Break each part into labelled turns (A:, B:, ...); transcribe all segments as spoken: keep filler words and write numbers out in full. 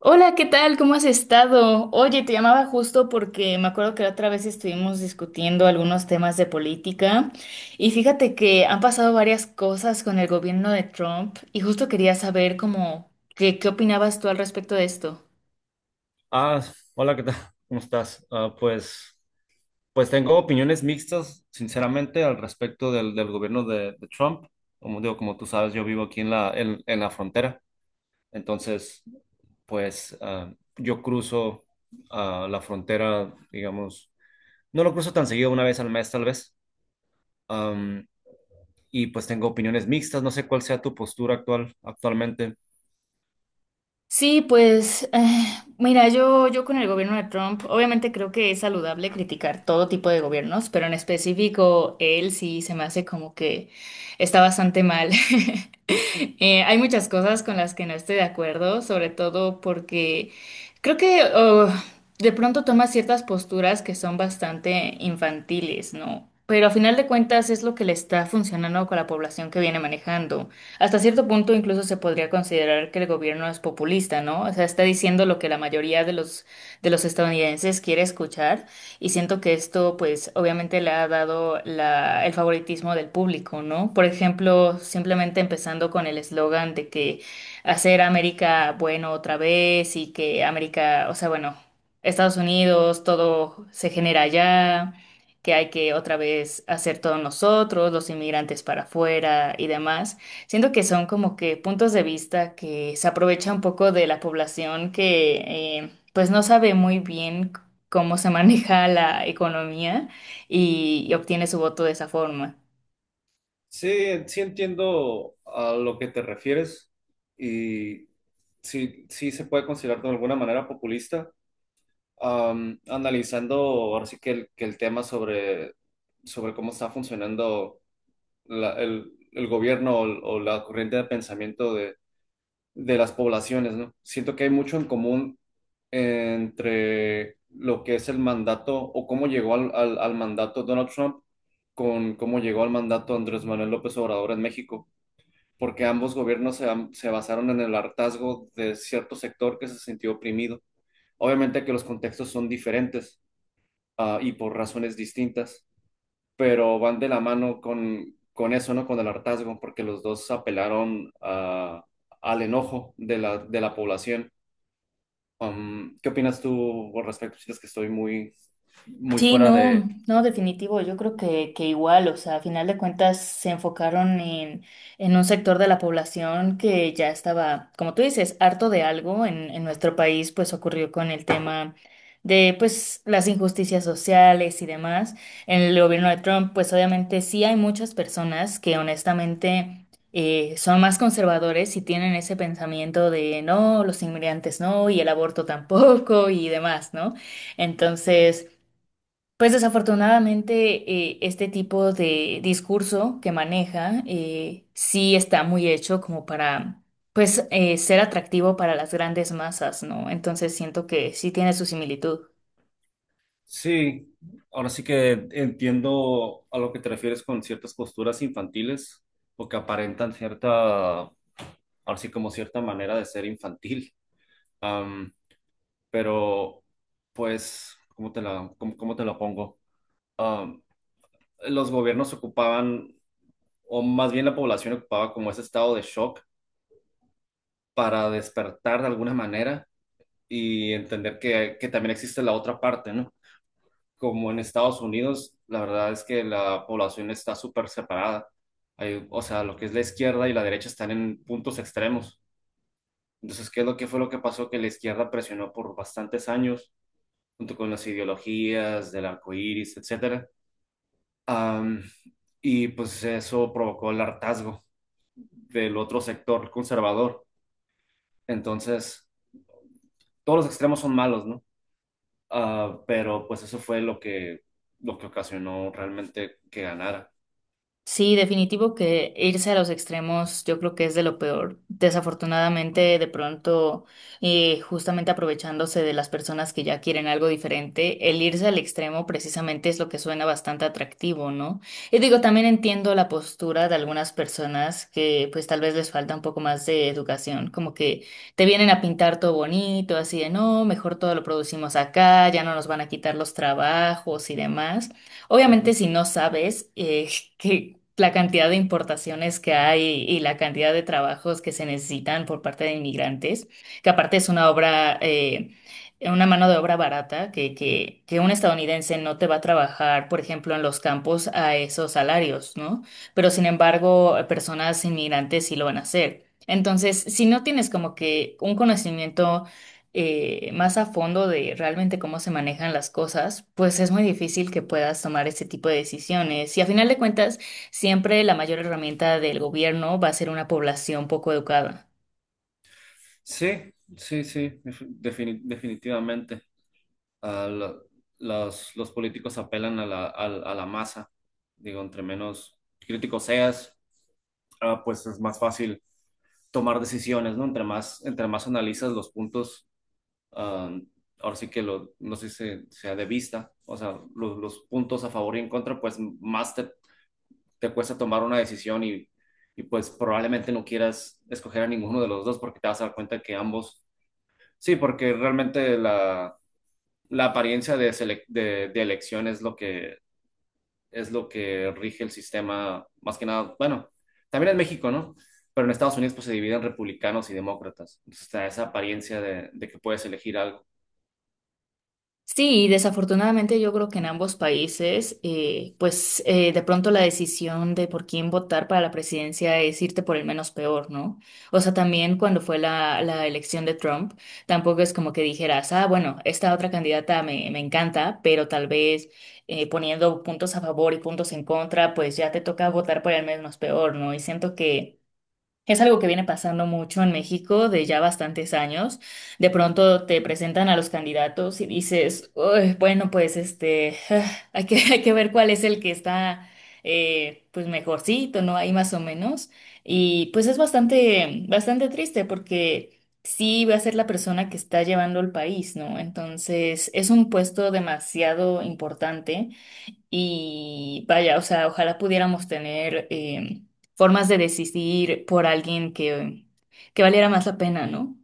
A: Hola, ¿qué tal? ¿Cómo has estado? Oye, te llamaba justo porque me acuerdo que la otra vez estuvimos discutiendo algunos temas de política y fíjate que han pasado varias cosas con el gobierno de Trump y justo quería saber cómo, qué, qué opinabas tú al respecto de esto.
B: Ah, Hola, ¿qué tal? ¿Cómo estás? Ah, pues, pues tengo opiniones mixtas, sinceramente, al respecto del, del gobierno de, de Trump. Como digo, como tú sabes, yo vivo aquí en la, en, en la frontera. Entonces, pues ah, yo cruzo ah, la frontera, digamos, no lo cruzo tan seguido, una vez al mes tal vez. Am, y pues tengo opiniones mixtas, no sé cuál sea tu postura actual, actualmente.
A: Sí, pues eh, mira, yo, yo con el gobierno de Trump, obviamente creo que es saludable criticar todo tipo de gobiernos, pero en específico él sí se me hace como que está bastante mal. Eh, hay muchas cosas con las que no estoy de acuerdo, sobre todo porque creo que oh, de pronto toma ciertas posturas que son bastante infantiles, ¿no? Pero a final de cuentas es lo que le está funcionando con la población que viene manejando. Hasta cierto punto incluso se podría considerar que el gobierno es populista, ¿no? O sea, está diciendo lo que la mayoría de los, de los estadounidenses quiere escuchar y siento que esto pues obviamente le ha dado la- el favoritismo del público, ¿no? Por ejemplo, simplemente empezando con el eslogan de que hacer América bueno otra vez y que América, o sea, bueno, Estados Unidos, todo se genera allá, que hay que otra vez hacer todos nosotros, los inmigrantes para afuera y demás. Siento que son como que puntos de vista que se aprovecha un poco de la población que eh, pues no sabe muy bien cómo se maneja la economía y, y obtiene su voto de esa forma.
B: Sí, sí entiendo a lo que te refieres y sí, sí se puede considerar de alguna manera populista. Am, analizando ahora sí que el, que el tema sobre, sobre cómo está funcionando la- el, el gobierno o, o la corriente de pensamiento de, de las poblaciones, ¿no? Siento que hay mucho en común entre lo que es el mandato o cómo llegó al, al al mandato Donald Trump con cómo llegó al mandato Andrés Manuel López Obrador en México porque ambos gobiernos se, se basaron en el hartazgo de cierto sector que se sintió oprimido. Obviamente que los contextos son diferentes, ah, y por razones distintas, pero van de la mano con, con eso, ¿no? Con el hartazgo, porque los dos apelaron a- al enojo de la, de la población. Um, ¿qué opinas tú al respecto? ¿Sientes que estoy muy, muy
A: Sí,
B: fuera de?
A: no, no, definitivo. Yo creo que, que igual, o sea, a final de cuentas se enfocaron en, en un sector de la población que ya estaba, como tú dices, harto de algo. En, en nuestro país, pues ocurrió con el tema de, pues, las injusticias sociales y demás. En el gobierno de Trump, pues obviamente sí hay muchas personas que honestamente eh, son más conservadores y tienen ese pensamiento de, no, los inmigrantes no, y el aborto tampoco y demás, ¿no? Entonces, pues desafortunadamente eh, este tipo de discurso que maneja eh, sí está muy hecho como para pues eh, ser atractivo para las grandes masas, ¿no? Entonces siento que sí tiene su similitud.
B: Sí, ahora sí que entiendo a lo que te refieres con ciertas posturas infantiles porque aparentan cierta, ahora sí como cierta manera de ser infantil. Am, pero, pues, ¿cómo te la, cómo, cómo te la pongo? Am, los gobiernos ocupaban, o más bien la población ocupaba como ese estado de shock para despertar de alguna manera y entender que, que también existe la otra parte, ¿no? Como en Estados Unidos, la verdad es que la población está súper separada. Hay- o sea, lo que es la izquierda y la derecha están en puntos extremos. Entonces, ¿qué es lo que fue lo que pasó? Que la izquierda presionó por bastantes años, junto con las ideologías del arco iris, etcétera. Am, y pues eso provocó el hartazgo del otro sector conservador. Entonces, todos los extremos son malos, ¿no? Ah, pero pues eso fue lo que, lo que ocasionó realmente que ganara.
A: Sí, definitivo que irse a los extremos yo creo que es de lo peor. Desafortunadamente, de pronto, eh, justamente aprovechándose de las personas que ya quieren algo diferente, el irse al extremo precisamente es lo que suena bastante atractivo, ¿no? Y digo, también entiendo la postura de algunas personas que pues tal vez les falta un poco más de educación, como que te vienen a pintar todo bonito, así de no, mejor todo lo producimos acá, ya no nos van a quitar los trabajos y demás.
B: Ujú.
A: Obviamente, si no sabes eh, que la cantidad de importaciones que hay y la cantidad de trabajos que se necesitan por parte de inmigrantes, que aparte es una obra, eh, una mano de obra barata, que, que, que un estadounidense no te va a trabajar, por ejemplo, en los campos a esos salarios, ¿no? Pero sin embargo, personas inmigrantes sí lo van a hacer. Entonces, si no tienes como que un conocimiento eh, más a fondo de realmente cómo se manejan las cosas, pues es muy difícil que puedas tomar este tipo de decisiones. Y a final de cuentas, siempre la mayor herramienta del gobierno va a ser una población poco educada.
B: Sí, sí, sí, def- defini- definitivamente. Ah, lo- los, los políticos apelan a la, al- a la masa. Digo, entre menos crítico seas, ah, pues es más fácil tomar decisiones, ¿no? Entre más, entre más analizas los puntos, ah, ahora sí que lo, no sé si se- sea de vista, o sea, lo- los puntos a favor y en contra, pues más te, te cuesta tomar una decisión y, y pues probablemente no quieras escoger a ninguno de los dos porque te vas a dar cuenta que ambos. Sí, porque realmente la, la apariencia de, selec- de, de elección es lo que, es lo que rige el sistema, más que nada, bueno, también en México, ¿no? Pero en Estados Unidos pues se dividen republicanos y demócratas. Entonces está esa apariencia de, de que puedes elegir algo.
A: Sí, y desafortunadamente yo creo que en ambos países, eh, pues eh, de pronto la decisión de por quién votar para la presidencia es irte por el menos peor, ¿no? O sea, también cuando fue la, la elección de Trump, tampoco es como que dijeras, ah, bueno, esta otra candidata me, me encanta, pero tal vez eh, poniendo puntos a favor y puntos en contra, pues ya te toca votar por el menos peor, ¿no? Y siento que es algo que viene pasando mucho en México de ya bastantes años. De pronto te presentan a los candidatos y dices: "Uy, bueno, pues este, ah, hay que, hay que ver cuál es el que está eh, pues mejorcito, ¿no? Ahí más o menos. Y pues es bastante, bastante triste porque sí va a ser la persona que está llevando el país, ¿no? Entonces es un puesto demasiado importante y vaya, o sea, ojalá pudiéramos tener eh, formas de decidir por alguien que, que valiera más la pena, ¿no?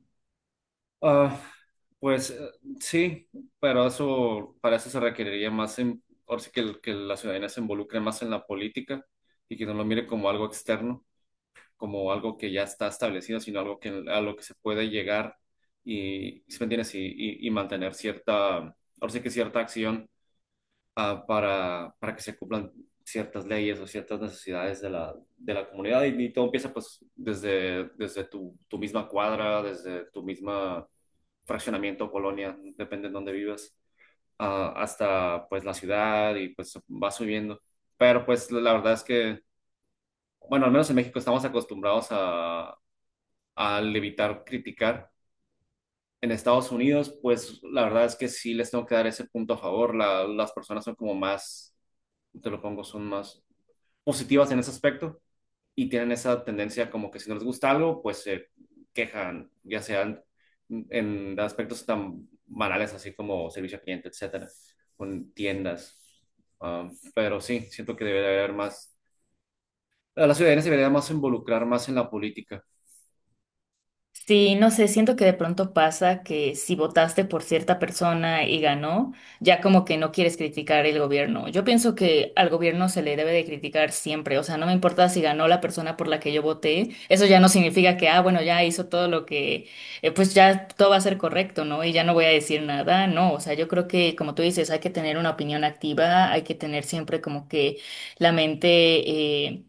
B: Ah, pues eh, sí, pero eso, para eso se requeriría más, en, ahora sí que, el- que la ciudadanía se involucre más en la política y que no lo mire como algo externo, como algo que ya está establecido, sino algo que, a lo que se puede llegar y, ¿sí me entiendes? Y, y- y mantener cierta, ahora sí que cierta acción ah, para, para que se cumplan ciertas leyes o ciertas necesidades de la, de la comunidad. Y, y todo empieza pues desde, desde tu, tu misma cuadra, desde tu misma fraccionamiento, colonia, depende de dónde vivas, ah, hasta pues la ciudad y pues va subiendo. Pero pues la verdad es que bueno, al menos en México estamos acostumbrados a, al evitar criticar. En Estados Unidos, pues la verdad es que sí les tengo que dar ese punto a favor. La- las personas son como más, te lo pongo, son más positivas en ese aspecto y tienen esa tendencia como que si no les gusta algo, pues se quejan, ya sean en aspectos tan banales así como servicio al cliente, etcétera, con tiendas. Ah, pero sí, siento que debería haber más, la ciudadanía se debería más involucrar más en la política.
A: Sí, no sé, siento que de pronto pasa que si votaste por cierta persona y ganó, ya como que no quieres criticar el gobierno. Yo pienso que al gobierno se le debe de criticar siempre, o sea, no me importa si ganó la persona por la que yo voté, eso ya no significa que, ah, bueno, ya hizo todo lo que, eh, pues ya todo va a ser correcto, ¿no? Y ya no voy a decir nada, no, o sea, yo creo que como tú dices, hay que tener una opinión activa, hay que tener siempre como que la mente eh,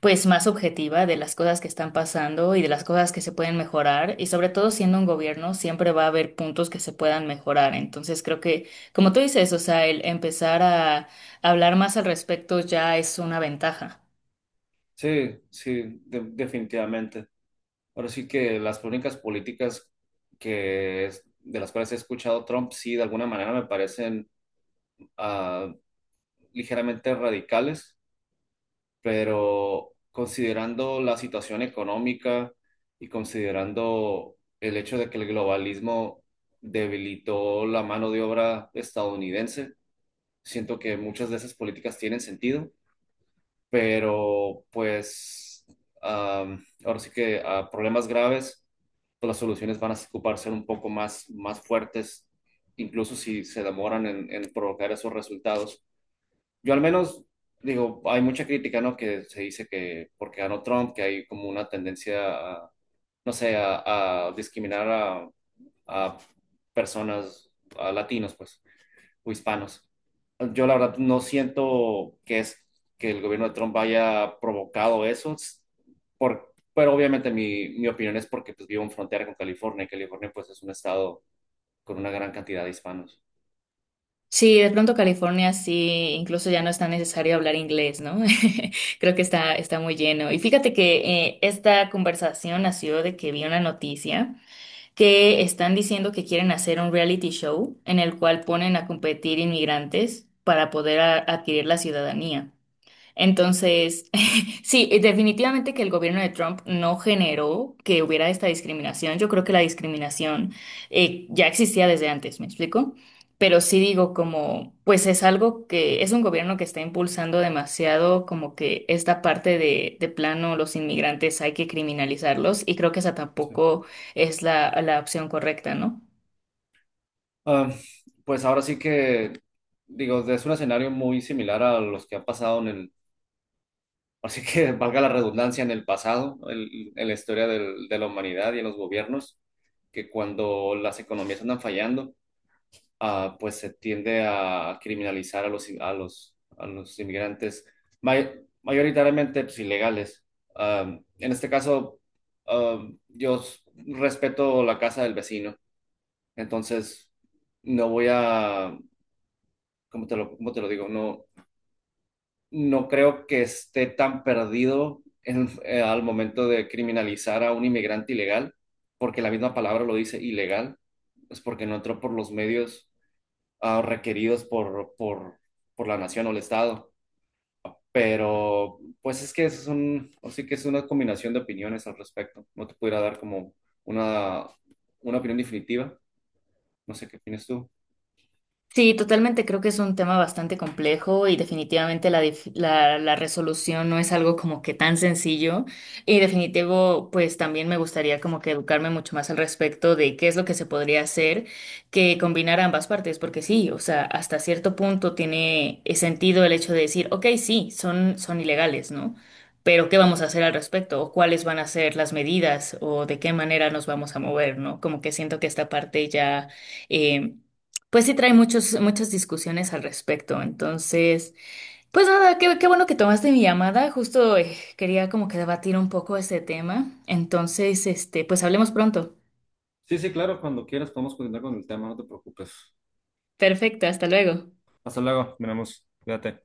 A: pues más objetiva de las cosas que están pasando y de las cosas que se pueden mejorar y sobre todo siendo un gobierno siempre va a haber puntos que se puedan mejorar. Entonces creo que, como tú dices, o sea, el empezar a hablar más al respecto ya es una ventaja.
B: Sí, sí, de- definitivamente. Ahora sí que las únicas políticas que es- de las cuales he escuchado Trump, sí, de alguna manera me parecen ah, ligeramente radicales, pero considerando la situación económica y considerando el hecho de que el globalismo debilitó la mano de obra estadounidense, siento que muchas de esas políticas tienen sentido, pero pues am, ahora sí que a problemas graves, pues las soluciones van a ocupar ser un poco más, más fuertes, incluso si se demoran en, en provocar esos resultados. Yo al menos digo, hay mucha crítica, ¿no? Que se dice que porque ganó Trump, que hay como una tendencia a, no sé, a, a discriminar a, a personas, a latinos, pues o hispanos. Yo la verdad no siento que es que el gobierno de Trump haya provocado eso, s- por, pero obviamente mi, mi opinión es porque pues, vivo en frontera con California y California pues es un estado con una gran cantidad de hispanos.
A: Sí, de pronto California sí, incluso ya no es tan necesario hablar inglés, ¿no? Creo que está, está muy lleno. Y fíjate que eh, esta conversación nació de que vi una noticia, que están diciendo que quieren hacer un reality show en el cual ponen a competir inmigrantes para poder a- adquirir la ciudadanía. Entonces, sí, eh, definitivamente que el gobierno de Trump no generó que hubiera esta discriminación. Yo creo que la discriminación eh, ya existía desde antes, ¿me explico? Pero sí digo como, pues es algo que es un gobierno que está impulsando demasiado como que esta parte de, de plano los inmigrantes hay que criminalizarlos y creo que esa
B: Sí.
A: tampoco es la, la opción correcta, ¿no?
B: Ah, pues ahora sí que, digo, es un escenario muy similar a los que han pasado en el, así que valga la redundancia, en el pasado, el- en la historia del- de la humanidad y en los gobiernos, que cuando las economías andan fallando, ah, pues se tiende a criminalizar a los, a los, a los inmigrantes may- mayoritariamente pues, ilegales. Am, en este caso, am, yo s- respeto la casa del vecino, entonces no voy a, ¿cómo te lo, cómo te lo digo? No, no creo que esté tan perdido en- eh, al momento de criminalizar a un inmigrante ilegal, porque la misma palabra lo dice, ilegal, es porque no entró por los medios ah, requeridos por, por, por la nación o el Estado. Pero pues es que eso es un, o sí que es una combinación de opiniones al respecto. No te pudiera dar como una, una opinión definitiva. No sé qué opinas tú.
A: Sí, totalmente. Creo que es un tema bastante complejo y definitivamente la, dif- la, la resolución no es algo como que tan sencillo. Y definitivo, pues también me gustaría como que educarme mucho más al respecto de qué es lo que se podría hacer que combinar ambas partes, porque sí, o sea, hasta cierto punto tiene eh, sentido el hecho de decir, ok, sí, son, son ilegales, ¿no? Pero ¿qué vamos a hacer al respecto? ¿O cuáles van a ser las medidas? ¿O de qué manera nos vamos a mover, ¿no? Como que siento que esta parte ya em, pues sí, trae muchos, muchas discusiones al respecto. Entonces, pues nada, qué, qué bueno que tomaste mi llamada. Justo eh, quería como que debatir un poco ese tema. Entonces, este, pues hablemos pronto.
B: Sí, sí, claro, cuando quieras podemos continuar con el tema, no te preocupes.
A: Perfecto, hasta luego.
B: Hasta luego, miramos, cuídate.